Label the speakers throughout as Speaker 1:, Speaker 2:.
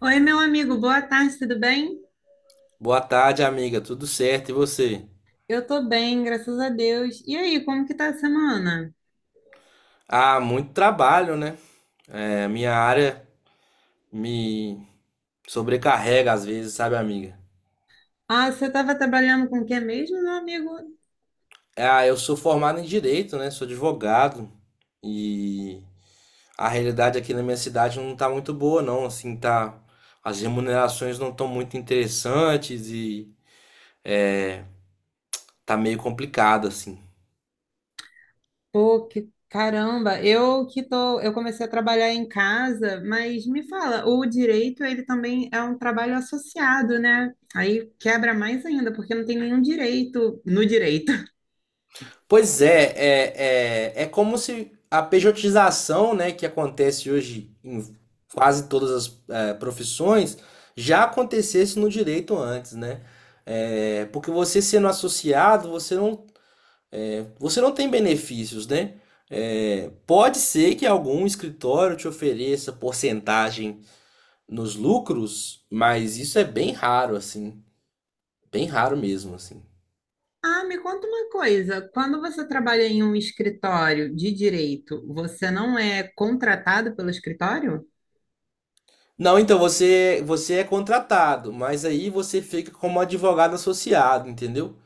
Speaker 1: Oi, meu amigo, boa tarde, tudo bem?
Speaker 2: Boa tarde, amiga. Tudo certo? E você?
Speaker 1: Eu tô bem, graças a Deus. E aí, como que tá a semana?
Speaker 2: Ah, muito trabalho, né? É, minha área me sobrecarrega às vezes, sabe, amiga?
Speaker 1: Ah, você tava trabalhando com o que mesmo, meu amigo?
Speaker 2: Ah, eu sou formado em direito, né? Sou advogado e a realidade aqui na minha cidade não tá muito boa, não. Assim, tá. As remunerações não estão muito interessantes e tá meio complicado, assim.
Speaker 1: Pô, que caramba, eu que tô, eu comecei a trabalhar em casa, mas me fala, o direito, ele também é um trabalho associado, né? Aí quebra mais ainda, porque não tem nenhum direito no direito.
Speaker 2: Pois é como se a pejotização, né, que acontece hoje em quase todas as profissões, já acontecesse no direito antes, né? É, porque você sendo associado, você não tem benefícios, né? É, pode ser que algum escritório te ofereça porcentagem nos lucros, mas isso é bem raro, assim, bem raro mesmo, assim.
Speaker 1: Ah, me conta uma coisa, quando você trabalha em um escritório de direito, você não é contratado pelo escritório?
Speaker 2: Não, então você é contratado, mas aí você fica como advogado associado, entendeu?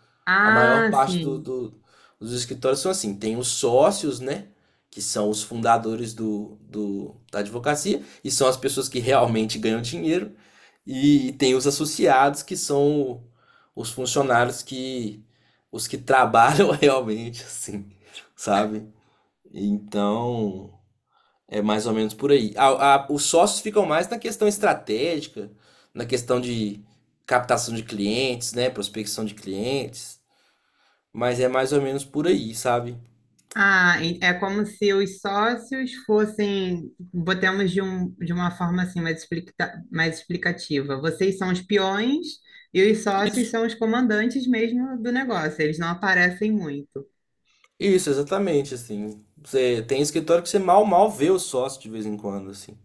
Speaker 2: A maior
Speaker 1: Ah,
Speaker 2: parte
Speaker 1: sim.
Speaker 2: dos escritórios são assim, tem os sócios, né? Que são os fundadores da advocacia, e são as pessoas que realmente ganham dinheiro, e tem os associados, que são os funcionários, que os que trabalham realmente, assim, sabe? Então. É mais ou menos por aí. Os sócios ficam mais na questão estratégica, na questão de captação de clientes, né? Prospecção de clientes. Mas é mais ou menos por aí, sabe?
Speaker 1: Ah, e- é como se os sócios fossem, botemos de, um, de uma forma assim mais, explica, mais explicativa. Vocês são os peões e os sócios
Speaker 2: Isso,
Speaker 1: são os comandantes mesmo do negócio. Eles não aparecem muito.
Speaker 2: isso, exatamente, assim. Você tem escritório que você mal, mal vê o sócio de vez em quando, assim.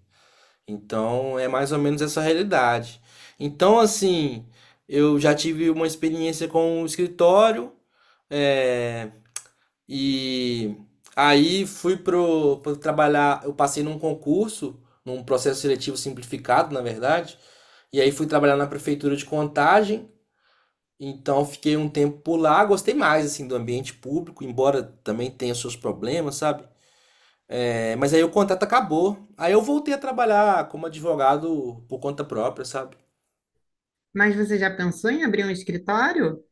Speaker 2: Então, é mais ou menos essa realidade. Então, assim, eu já tive uma experiência com o escritório, eh, e aí fui pro, pro trabalhar, eu passei num concurso, num processo seletivo simplificado, na verdade. E aí fui trabalhar na prefeitura de Contagem. Então fiquei um tempo por lá, gostei mais assim do ambiente público, embora também tenha seus problemas, sabe? É, mas aí o contrato acabou. Aí eu voltei a trabalhar como advogado por conta própria, sabe?
Speaker 1: Mas você já pensou em abrir um escritório?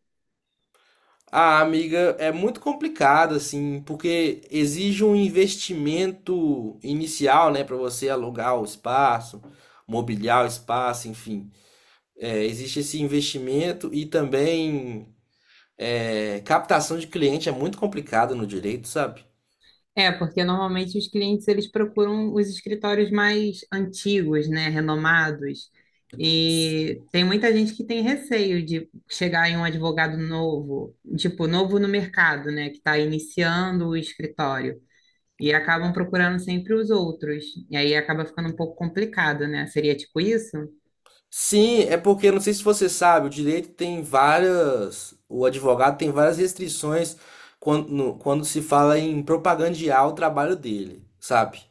Speaker 2: Ah, amiga, é muito complicado assim, porque exige um investimento inicial, né, para você alugar o espaço, mobiliar o espaço, enfim. É, existe esse investimento e também captação de cliente é muito complicado no direito, sabe?
Speaker 1: É, porque normalmente os clientes eles procuram os escritórios mais antigos, né, renomados. E tem muita gente que tem receio de chegar em um advogado novo, tipo, novo no mercado, né, que está iniciando o escritório. E acabam procurando sempre os outros. E aí acaba ficando um pouco complicado, né? Seria tipo isso?
Speaker 2: Sim, é porque não sei se você sabe, o direito tem várias, o advogado tem várias restrições quando se fala em propagandear o trabalho dele, sabe?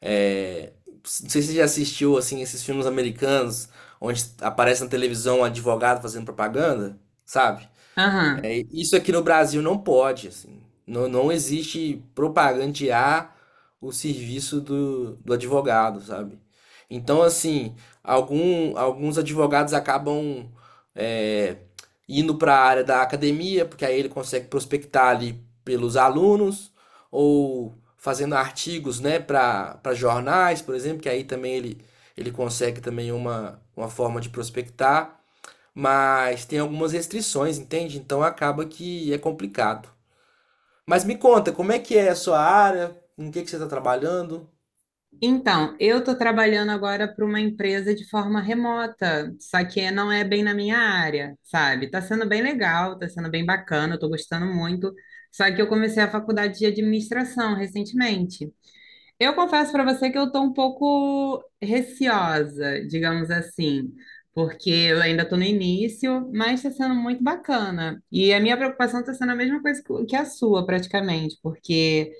Speaker 2: É, não sei se você já assistiu assim esses filmes americanos onde aparece na televisão um advogado fazendo propaganda, sabe?
Speaker 1: Aham.
Speaker 2: É, isso aqui no Brasil não pode, assim. Não, não existe propagandear o serviço do advogado, sabe? Então, assim, alguns advogados acabam é, indo para a área da academia, porque aí ele consegue prospectar ali pelos alunos, ou fazendo artigos, né, para jornais, por exemplo, que aí também ele consegue também uma forma de prospectar, mas tem algumas restrições, entende? Então acaba que é complicado. Mas me conta, como é que é a sua área? Em que você está trabalhando?
Speaker 1: Então, eu estou trabalhando agora para uma empresa de forma remota, só que não é bem na minha área, sabe? Está sendo bem legal, está sendo bem bacana, estou gostando muito. Só que eu comecei a faculdade de administração recentemente. Eu confesso para você que eu estou um pouco receosa, digamos assim, porque eu ainda estou no início, mas está sendo muito bacana. E a minha preocupação está sendo a mesma coisa que a sua, praticamente, porque.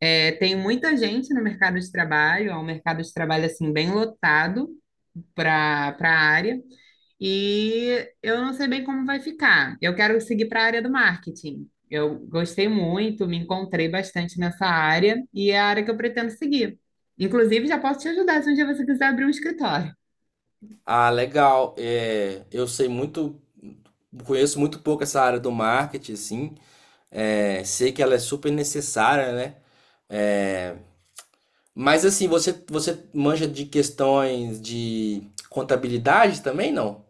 Speaker 1: É, tem muita gente no mercado de trabalho, é um mercado de trabalho assim bem lotado para a área, e eu não sei bem como vai ficar. Eu quero seguir para a área do marketing. Eu gostei muito, me encontrei bastante nessa área e é a área que eu pretendo seguir. Inclusive, já posso te ajudar se um dia você quiser abrir um escritório.
Speaker 2: Ah, legal. É, eu sei muito, conheço muito pouco essa área do marketing, assim. É, sei que ela é super necessária, né? É, mas assim, você manja de questões de contabilidade também, não?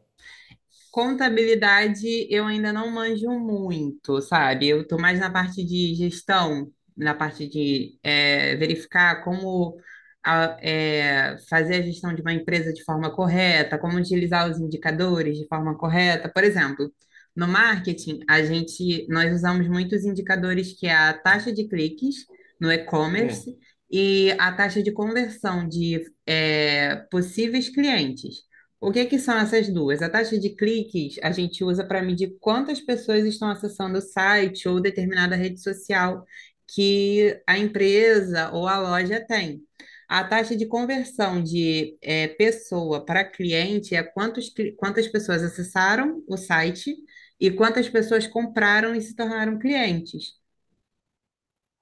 Speaker 1: Contabilidade eu ainda não manjo muito, sabe? Eu estou mais na parte de gestão, na parte de verificar como fazer a gestão de uma empresa de forma correta, como utilizar os indicadores de forma correta. Por exemplo, no marketing, a gente, nós usamos muitos indicadores que é a taxa de cliques no
Speaker 2: Hum,
Speaker 1: e-commerce e a taxa de conversão de possíveis clientes. O que que são essas duas? A taxa de cliques a gente usa para medir quantas pessoas estão acessando o site ou determinada rede social que a empresa ou a loja tem. A taxa de conversão de pessoa para cliente é quantos, quantas pessoas acessaram o site e quantas pessoas compraram e se tornaram clientes.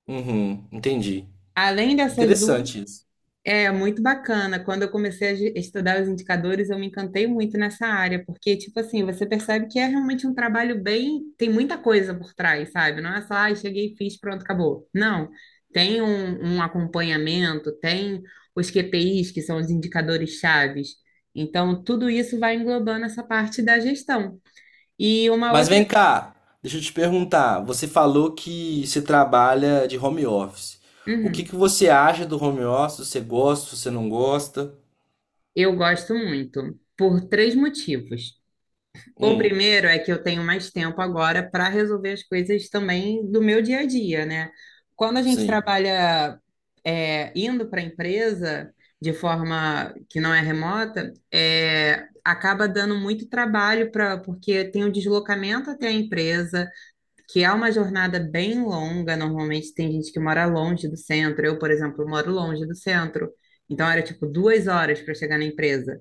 Speaker 2: uhum, entendi.
Speaker 1: Além dessas duas,
Speaker 2: Interessante isso.
Speaker 1: é muito bacana. Quando eu comecei a estudar os indicadores, eu me encantei muito nessa área, porque, tipo assim, você percebe que é realmente um trabalho bem. Tem muita coisa por trás, sabe? Não é só, ah, cheguei, fiz, pronto, acabou. Não. Tem um acompanhamento, tem os QPIs, que são os indicadores chaves. Então, tudo isso vai englobando essa parte da gestão. E uma
Speaker 2: Mas
Speaker 1: outra.
Speaker 2: vem cá, deixa eu te perguntar. Você falou que você trabalha de home office. O que
Speaker 1: Uhum.
Speaker 2: que você acha do home office? Você gosta, você não gosta?
Speaker 1: Eu gosto muito, por 3 motivos. O
Speaker 2: Hum,
Speaker 1: primeiro é que eu tenho mais tempo agora para resolver as coisas também do meu dia a dia, né? Quando a gente
Speaker 2: sim,
Speaker 1: trabalha indo para a empresa de forma que não é remota, é, acaba dando muito trabalho para porque tem o deslocamento até a empresa, que é uma jornada bem longa. Normalmente tem gente que mora longe do centro. Eu, por exemplo, moro longe do centro. Então era tipo 2 horas para chegar na empresa.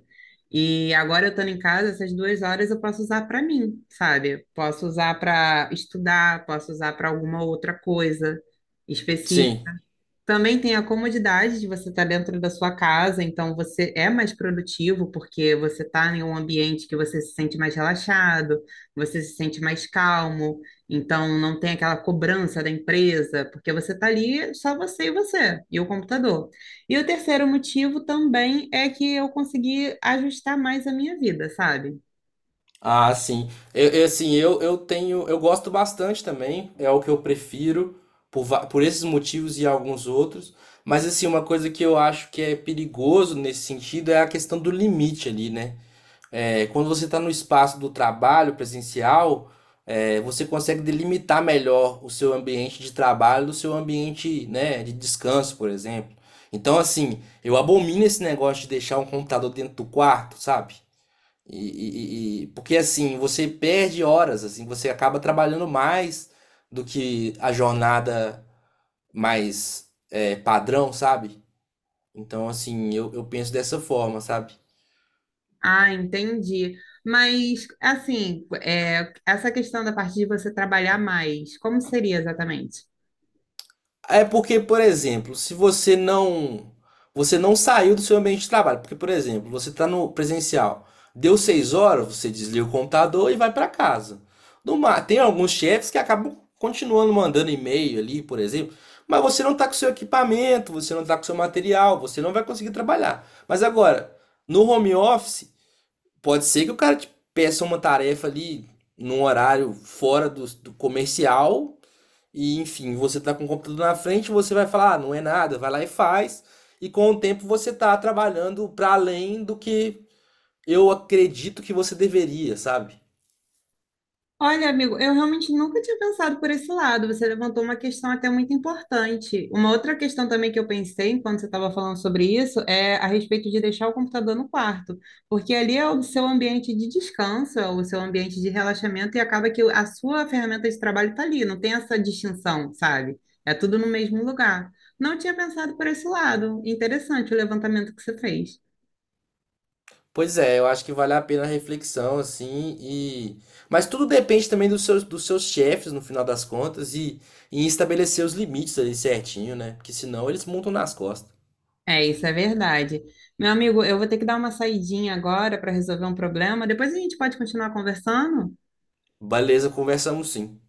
Speaker 1: E agora eu estando em casa, essas 2 horas eu posso usar para mim, sabe? Posso usar para estudar, posso usar para alguma outra coisa.
Speaker 2: sim.
Speaker 1: Também tem a comodidade de você estar dentro da sua casa, então você é mais produtivo porque você está em um ambiente que você se sente mais relaxado, você se sente mais calmo, então não tem aquela cobrança da empresa, porque você está ali só você e você, e o computador. E o terceiro motivo também é que eu consegui ajustar mais a minha vida, sabe?
Speaker 2: Ah, sim. Assim, eu gosto bastante também. É o que eu prefiro por esses motivos e alguns outros. Mas assim, uma coisa que eu acho que é perigoso nesse sentido é a questão do limite ali, né? É, quando você está no espaço do trabalho presencial, é, você consegue delimitar melhor o seu ambiente de trabalho do seu ambiente, né, de descanso, por exemplo. Então, assim, eu abomino esse negócio de deixar um computador dentro do quarto, sabe? Porque assim, você perde horas, assim, você acaba trabalhando mais do que a jornada mais padrão, sabe? Então, assim, eu penso dessa forma, sabe?
Speaker 1: Ah, entendi. Mas, assim, é, essa questão da parte de você trabalhar mais, como seria exatamente?
Speaker 2: É porque, por exemplo, se você não saiu do seu ambiente de trabalho, porque, por exemplo, você está no presencial, deu 6 horas, você desliga o computador e vai para casa. No ma- tem alguns chefes que acabam continuando mandando e-mail ali, por exemplo, mas você não está com seu equipamento, você não está com seu material, você não vai conseguir trabalhar. Mas agora, no home office, pode ser que o cara te peça uma tarefa ali num horário fora do comercial e enfim, você tá com o computador na frente, você vai falar, ah, não é nada, vai lá e faz. E com o tempo você tá trabalhando para além do que eu acredito que você deveria, sabe?
Speaker 1: Olha, amigo, eu realmente nunca tinha pensado por esse lado. Você levantou uma questão até muito importante. Uma outra questão também que eu pensei enquanto você estava falando sobre isso é a respeito de deixar o computador no quarto, porque ali é o seu ambiente de descanso, é o seu ambiente de relaxamento e acaba que a sua ferramenta de trabalho está ali, não tem essa distinção, sabe? É tudo no mesmo lugar. Não tinha pensado por esse lado. Interessante o levantamento que você fez.
Speaker 2: Pois é, eu acho que vale a pena a reflexão, assim, e. Mas tudo depende também dos seus chefes, no final das contas, e estabelecer os limites ali certinho, né? Porque senão eles montam nas costas.
Speaker 1: É, isso é verdade. Meu amigo, eu vou ter que dar uma saidinha agora para resolver um problema. Depois a gente pode continuar conversando?
Speaker 2: Beleza, conversamos sim.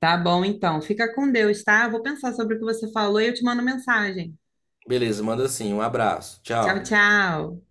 Speaker 1: Tá bom, então. Fica com Deus, tá? Eu vou pensar sobre o que você falou e eu te mando mensagem.
Speaker 2: Beleza, manda sim. Um abraço.
Speaker 1: Tchau,
Speaker 2: Tchau.
Speaker 1: tchau.